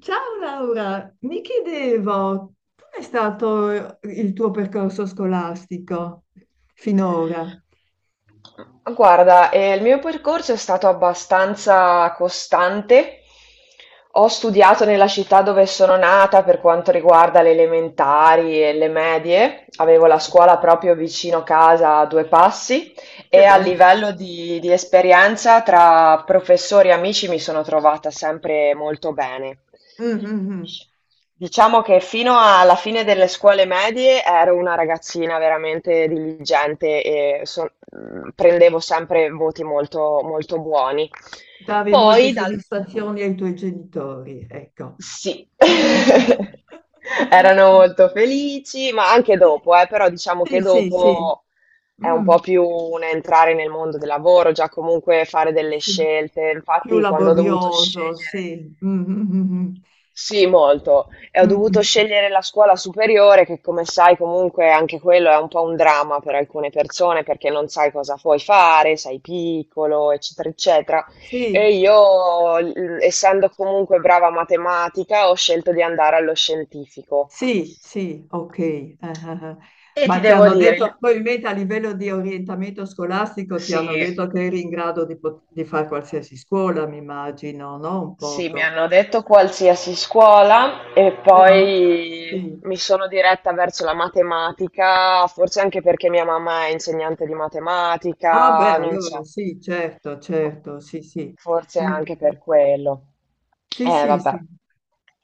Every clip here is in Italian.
Ciao Laura, mi chiedevo, com'è stato il tuo percorso scolastico finora? Guarda, il mio percorso è stato abbastanza costante. Ho studiato nella città dove sono nata per quanto riguarda le elementari e le medie. Avevo la Sì. scuola proprio vicino casa a due passi. E Che a bello. livello di esperienza tra professori e amici mi sono trovata sempre molto bene. Mm, mm, mm. Diciamo che fino alla fine delle scuole medie ero una ragazzina veramente diligente e prendevo sempre voti molto, molto buoni. Davi molte Poi dal soddisfazioni ai tuoi genitori, ecco. Sì, erano molto felici, ma anche dopo, però diciamo Sì, che sì, sì, sì. dopo è un Mm, po' più un entrare nel mondo del lavoro, già comunque fare delle sì. scelte. Più Infatti, quando ho dovuto laborioso, scegliere sì. Mm, mm, mm, mm. sì, molto. E ho Mm, dovuto mm. scegliere la scuola superiore, che come sai comunque anche quello è un po' un dramma per alcune persone perché non sai cosa puoi fare, sei piccolo, eccetera, eccetera. Sì, E io, essendo comunque brava a matematica, ho scelto di andare allo scientifico. sì, sì, ok. Eh, eh. E ti Ma ti devo hanno dire, detto, probabilmente a livello di orientamento scolastico, ti hanno sì. detto che eri in grado di, di fare qualsiasi scuola, mi immagino, no? Un Sì, mi poco. hanno detto qualsiasi scuola e Però, poi sì. mi sono diretta verso la matematica, forse anche perché mia mamma è insegnante di Ah, beh, matematica, non allora so, sì, certo, certo, sì, sì. forse Mm, mm, anche mm. per quello. Sì, sì, Vabbè. sì.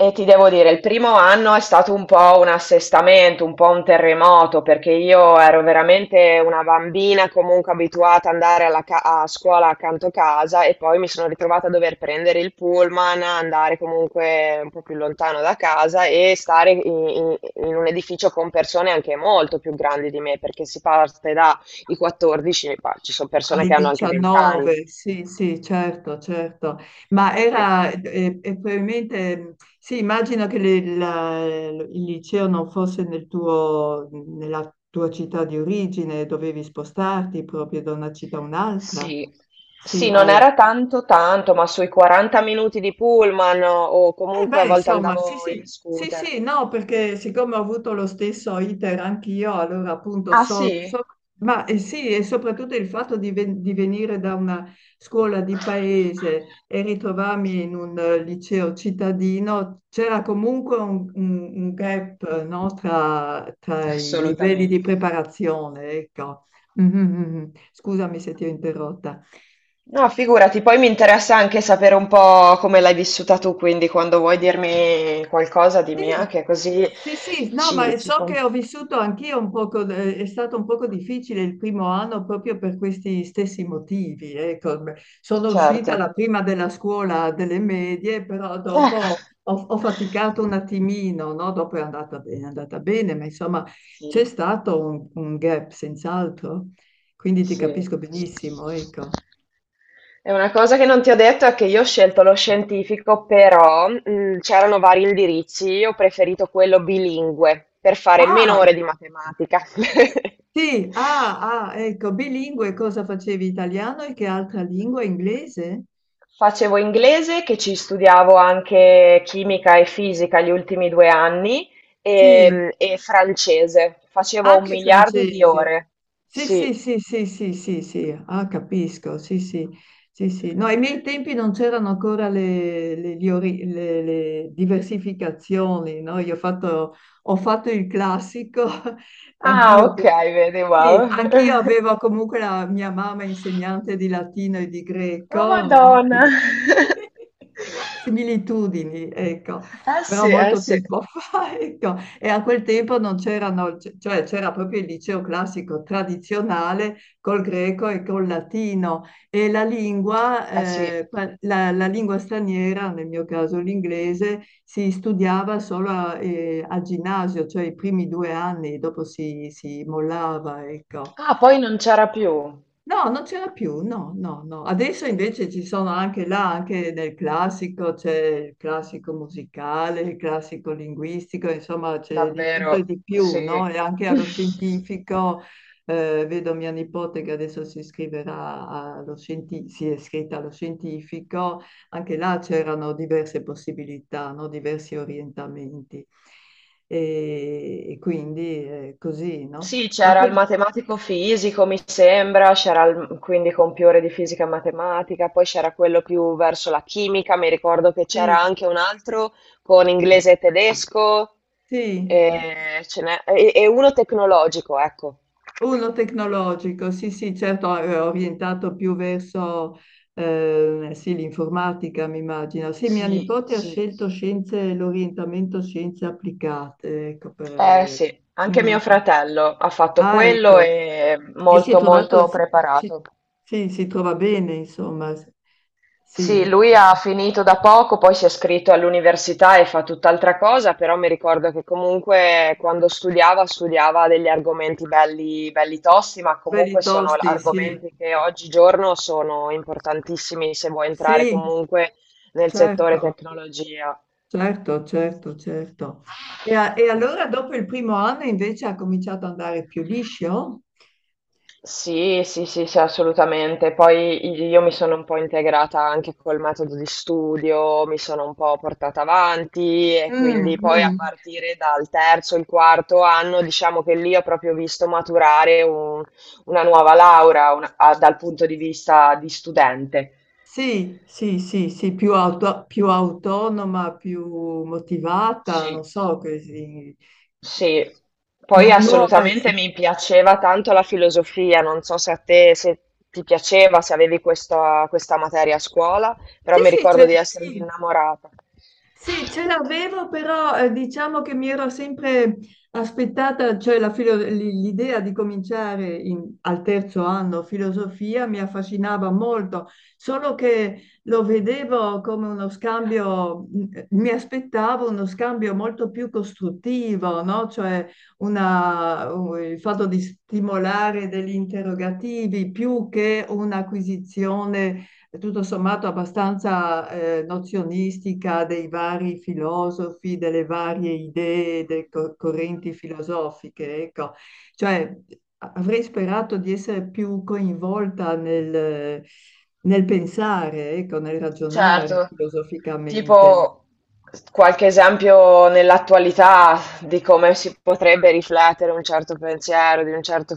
E ti devo dire, il primo anno è stato un po' un assestamento, un po' un terremoto, perché io ero veramente una bambina comunque abituata ad andare alla a scuola accanto a casa e poi mi sono ritrovata a dover prendere il pullman, andare comunque un po' più lontano da casa e stare in un edificio con persone anche molto più grandi di me, perché si parte dai 14, ma ci sono persone Ai che hanno anche 20 anni. 19, sì, sì, certo, certo. Ma era, e probabilmente, sì, immagino che il liceo non fosse nel tuo, nella tua città di origine, dovevi spostarti proprio da una città a un'altra. Sì. Sì, Sì, non hai... era tanto tanto, ma sui 40 minuti di pullman o Eh comunque a beh, volte insomma, sì, andavo in sì, sì, scooter. sì, no, perché siccome ho avuto lo stesso iter anch'io, allora appunto Ah so, sì? so- Ma sì, e soprattutto il fatto di venire da una scuola di paese e ritrovarmi in un liceo cittadino, c'era comunque un gap, no, tra i livelli di Assolutamente. preparazione, ecco. Mhm, mhm. Scusami se ti ho interrotta. No, figurati, poi mi interessa anche sapere un po' come l'hai vissuta tu, quindi quando vuoi dirmi qualcosa di mia, Sì, che così sì, sì, no, ma ci, ci... so com- che ho vissuto anch'io un poco, è stato un poco difficile il primo anno proprio per questi stessi motivi. Ecco. Beh, sono uscita la Certo. prima della scuola delle medie, però Ecco. dopo ho faticato un attimino, no? Dopo è andata bene, ma insomma c'è Sì. stato un gap senz'altro, quindi ti Sì. capisco benissimo, ecco. E una cosa che non ti ho detto è che io ho scelto lo scientifico, però c'erano vari indirizzi, io ho preferito quello bilingue per fare meno Ah, ore di matematica. sì, ah, ah, ecco, bilingue, cosa facevi? Italiano e che altra lingua? Inglese? Facevo inglese, che ci studiavo anche chimica e fisica gli ultimi due anni, Sì, e francese. Facevo un anche miliardo di francese. ore. Sì, Sì. sì, sì, sì, sì, sì, sì, ah, capisco, sì, sì, sì, sì. No, ai miei tempi non c'erano ancora le diversificazioni, no? Io ho fatto il classico, Ah, anch'io, ok, perché, vedi, sì, wow. anch'io avevo comunque la mia mamma insegnante di latino e di Oh greco, no? Madonna! Similitudini, ecco, Eh sì, però eh molto sì, tempo fa, ecco. E a quel tempo non c'erano, cioè c'era proprio il liceo classico tradizionale col greco e col latino e la lingua, eh sì. la lingua straniera, nel mio caso l'inglese, si studiava solo al ginnasio, cioè i primi due anni, dopo si mollava, ecco. Ah, poi non c'era più, No, non c'era più, no, no, no. Adesso invece ci sono anche là, anche nel classico, c'è il classico musicale, il classico linguistico, insomma c'è di tutto e davvero, di più, sì. no? E anche allo scientifico, vedo mia nipote che adesso si iscriverà allo si è iscritta allo scientifico, anche là c'erano diverse possibilità, no? Diversi orientamenti. E quindi così, no? Sì, Ma c'era il comunque matematico fisico, mi sembra, c'era quindi con più ore di fisica e matematica, poi c'era quello più verso la chimica, mi ricordo che c'era sì. anche un altro con inglese e tedesco, Sì, e, ce n'è- e uno tecnologico, ecco. uno tecnologico, sì, sì, certo, è orientato più verso sì, l'informatica, mi immagino. Sì, mia Sì, nipote ha sì. scelto scienze, l'orientamento scienze applicate, ecco, Eh sì, anche Mm. mio fratello ha fatto Ah, quello ecco. e E si è molto trovato, molto si- preparato. sì, si trova bene, insomma. Sì, Sì, lui ha finito da poco, poi si è iscritto all'università e fa tutt'altra cosa, però mi ricordo che comunque quando studiava degli argomenti belli, belli tosti, ma belli comunque sono tosti, sì. argomenti che oggigiorno sono importantissimi se vuoi entrare Sì, comunque nel settore certo. tecnologia. Certo, certo, certo. E allora dopo il primo anno invece ha cominciato ad andare più liscio? Sì, sì, sì, sì, assolutamente. Poi io mi sono un po' integrata anche col metodo di studio, mi sono un po' portata avanti e quindi Mm, poi a mm. partire dal terzo, il quarto anno, diciamo che lì ho proprio visto maturare una nuova laurea dal punto di vista di studente. Sì, sì, sì, sì, più autonoma, più motivata, Sì. non so, così. Sì, poi Nuova, sì. assolutamente mi piaceva tanto la filosofia, non so se a te se ti piaceva, se avevi questa materia a scuola, però Sì, mi sì, ricordo di essermi sì, innamorata. sì, ce l'avevo, però diciamo che mi ero sempre aspettata, cioè l'idea di cominciare al terzo anno filosofia mi affascinava molto, solo che lo vedevo come uno scambio, mi aspettavo uno scambio molto più costruttivo, no? Cioè il fatto di stimolare degli interrogativi più che un'acquisizione tutto sommato abbastanza nozionistica dei vari filosofi, delle varie idee, delle correnti filosofiche, ecco. Cioè, avrei sperato di essere più coinvolta nel pensare, ecco, nel ragionare Certo, filosoficamente. tipo qualche esempio nell'attualità di come si potrebbe riflettere un certo pensiero di un certo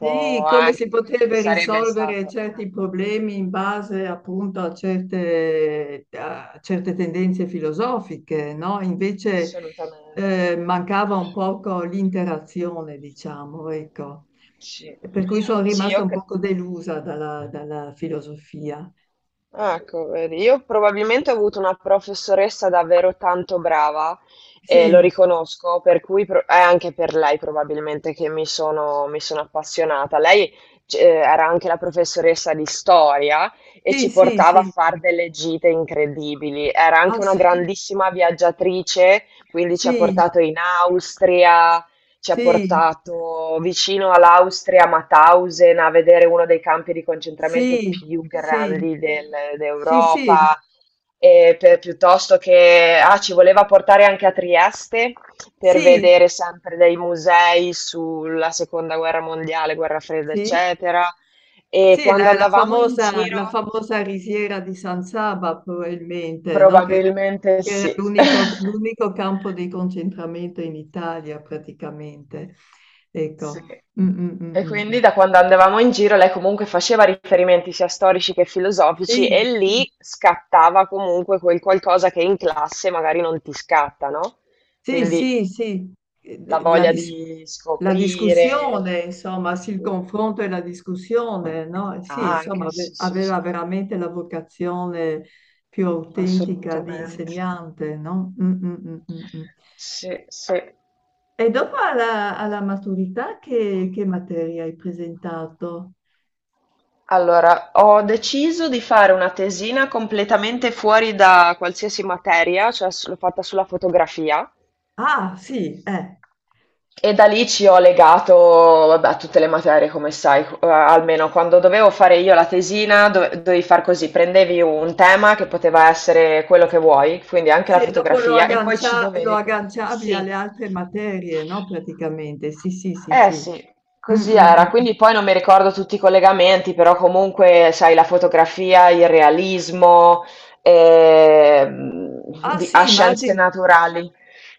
Sì, come anche si poteva sarebbe risolvere stato certi problemi in base appunto a certe tendenze filosofiche, no? Invece assolutamente mancava un poco l'interazione, diciamo, ecco. sì. Per cui sono Sì, rimasta un poco delusa dalla filosofia. ah, ecco, vedi, io probabilmente ho avuto una professoressa davvero tanto brava e lo Sì, riconosco, per cui è anche per lei probabilmente che mi sono appassionata. Lei era anche la professoressa di storia e sì, ci sì, portava a sì. fare delle gite incredibili. Era Ah, anche una sì? grandissima viaggiatrice, quindi ci ha Sì, portato in Austria, ci ha sì, portato vicino all'Austria, a Mauthausen, a vedere uno dei campi di concentramento sì, più sì, grandi del sì, sì, d'Europa, pe piuttosto che ci voleva portare anche a Trieste per sì, sì, vedere sempre dei musei sulla seconda guerra mondiale, guerra fredda, sì. eccetera. E Sì, quando la, la andavamo in famosa, la giro famosa risiera di San Saba, probabilmente, no? Che, probabilmente che era sì. l'unico l'unico campo di concentramento in Italia, praticamente. Sì. Ecco. Mm, mm, mm, E mm. Mm. quindi da quando andavamo in giro lei comunque faceva riferimenti sia storici che filosofici e Sì, sì, lì scattava comunque quel qualcosa che in classe magari non ti scatta, no? sì, Quindi sì, sì. Eh, la de- La, voglia dis- di la scoprire. discussione, insomma, sì, il confronto e la discussione, no? Sì, insomma, Anche, ave- sì, sì, aveva sì, veramente la vocazione più autentica di assolutamente. insegnante, no? Mm, mm, mm, mm, mm. Sì, sì. E dopo alla maturità che materia hai presentato? Allora, ho deciso di fare una tesina completamente fuori da qualsiasi materia, cioè l'ho fatta sulla fotografia. Ah, sì, eh. E da lì ci ho legato, vabbè, a tutte le materie, come sai, almeno quando dovevo fare io la tesina, dovevi far così, prendevi un tema che poteva essere quello che vuoi, quindi anche la Sì, e dopo lo fotografia, e poi ci aggancia- lo dovevi... agganciavi alle Sì. altre materie, no? Praticamente, sì, sì, sì, Eh sì. sì, Mm, così mm, mm. era. Quindi poi non mi ricordo tutti i collegamenti, però comunque, sai, la fotografia, il realismo, ehm, Ah, a sì, scienze immagino. naturali.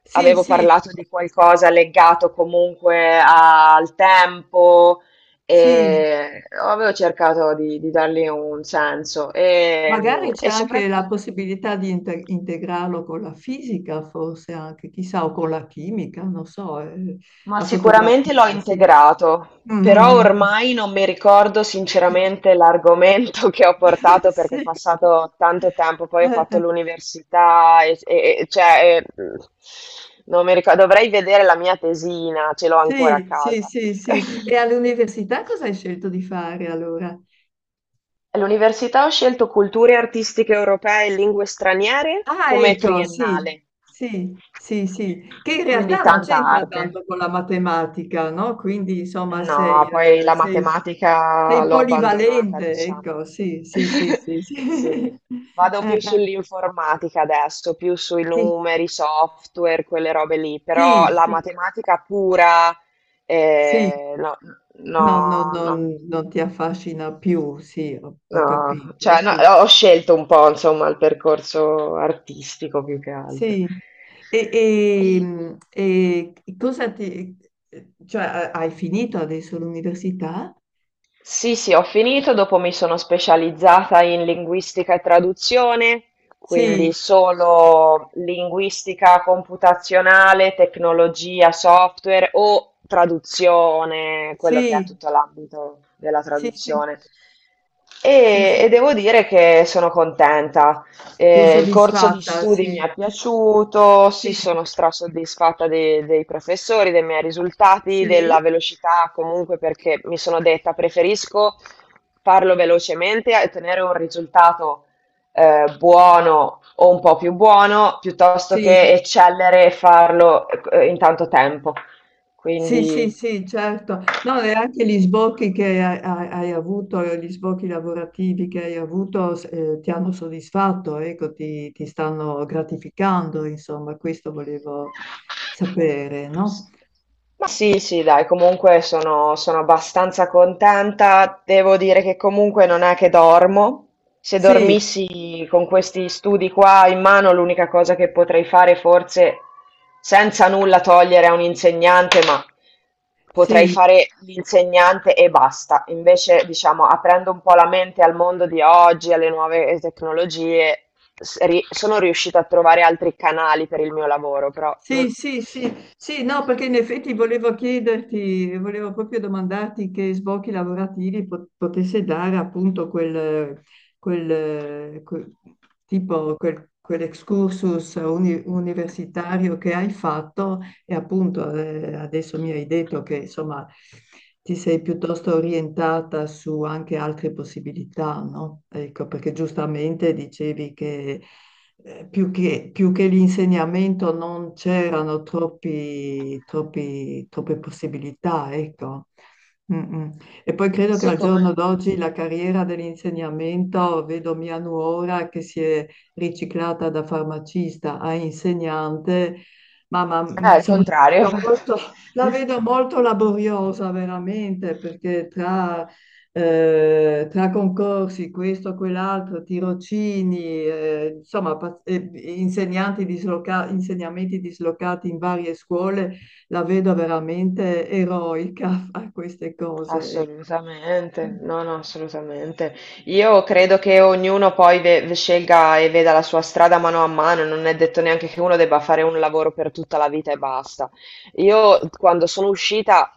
Sì, Avevo sì, parlato di qualcosa legato comunque al tempo sì. e avevo cercato di dargli un senso e, Magari c'è e anche la soprattutto, possibilità di integrarlo con la fisica, forse anche, chissà, o con la chimica, non so, ma la sicuramente l'ho fotografia, sì. integrato, Mm, mm, però mm. ormai non mi ricordo sinceramente l'argomento che ho portato perché è Sì. passato tanto tempo, poi ho fatto Eh. l'università cioè, non mi ricordo, dovrei vedere la mia tesina, ce l'ho ancora a Sì, sì, casa. sì, sì. E all'università cosa hai scelto di fare allora? L'università ha scelto Culture artistiche europee e lingue straniere Ah, come ecco, sì, triennale, sì, sì, sì, che in quindi realtà non tanta c'entra arte. tanto con la matematica, no? Quindi, insomma, sei, No, poi eh, la sei- matematica sei l'ho abbandonata, polivalente, diciamo. ecco, sì, sì, sì, sì, sì. Sì, vado Eh, più eh, sull'informatica adesso, più sui sì, numeri, software, quelle robe lì, però sì, la sì, matematica pura, sì. No, No, no, no, no. non ti affascina più, sì, ho No, capito, cioè, no, sì, sì. ho scelto un po', insomma, il percorso artistico più che altro. Sì, e cosa ti... cioè hai finito adesso l'università? Sì, sì, ho finito, dopo mi sono specializzata in linguistica e traduzione, Sì, quindi solo linguistica computazionale, tecnologia, software o traduzione, quello che è sì, tutto l'ambito della sì, sì, traduzione. sì, E, sì. e devo dire che sono contenta. Sei Il corso di soddisfatta, studi mi sì, è piaciuto, sì, sì, sono strasoddisfatta dei professori, dei miei risultati, della sì, velocità comunque perché mi sono detta preferisco farlo velocemente e tenere un risultato buono o un po' più buono piuttosto sì, che eccellere e farlo in tanto tempo. sì, sì, Quindi sì, certo. No, e anche gli sbocchi che hai avuto, gli sbocchi lavorativi che hai avuto, ti hanno soddisfatto, ecco, ti stanno gratificando, insomma, questo volevo sapere, S no? ma sì, sì, dai, comunque sono abbastanza contenta. Devo dire che comunque non è che dormo. Se Sì, dormissi con questi studi qua in mano, l'unica cosa che potrei fare forse, senza nulla togliere a un insegnante, ma potrei sì, fare l'insegnante e basta. Invece, diciamo, aprendo un po' la mente al mondo di oggi, alle nuove tecnologie, sono riuscita a trovare altri canali per il mio lavoro, però sì, non- sì, sì, sì, no, perché in effetti volevo chiederti, volevo proprio domandarti che sbocchi lavorativi potesse dare appunto quel, quel- quell'excursus universitario che hai fatto e appunto adesso mi hai detto che insomma ti sei piuttosto orientata su anche altre possibilità, no? Ecco, perché giustamente dicevi che più che l'insegnamento non c'erano troppe possibilità, ecco. Mm, mm. E poi credo che sì, al giorno come? d'oggi la carriera dell'insegnamento, vedo mia nuora che si è riciclata da farmacista a insegnante, Ah, al insomma, contrario. la vedo fatto. molto, la vedo molto laboriosa veramente, perché tra concorsi, questo, quell'altro, tirocini, insomma, insegnamenti dislocati in varie scuole, la vedo veramente eroica a fare queste cose. Ecco. Assolutamente, no, no, assolutamente. Io credo che ognuno poi scelga e veda la sua strada mano a mano, non è detto neanche che uno debba fare un lavoro per tutta la vita e basta. Io quando sono uscita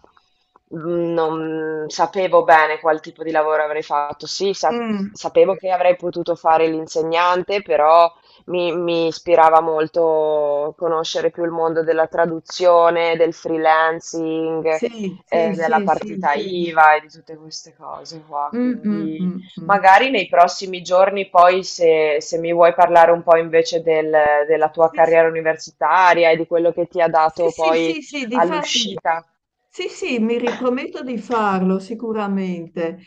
non sapevo bene qual tipo di lavoro avrei fatto. Sì, Mm, sapevo che avrei potuto fare l'insegnante, però mi ispirava molto conoscere più il mondo della traduzione, del freelancing sì, sì, della sì, sì, partita sì. IVA e di tutte queste cose qua. Mm, mm, Quindi mm, mm. magari nei prossimi giorni, poi se mi vuoi parlare un po' invece della tua Sì, sì. carriera universitaria e di quello che ti ha Sì, dato sì, poi sì, sì, difatti, all'uscita. sì, sì, mi riprometto di farlo sicuramente.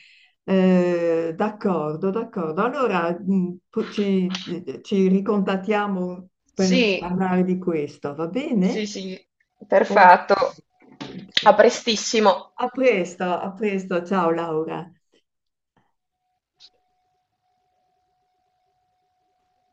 D'accordo, d'accordo. Allora, ci ricontattiamo per Sì, parlare di questo, va sì, bene? sì, O- perfetto. A eh, prestissimo. A presto, ciao Laura.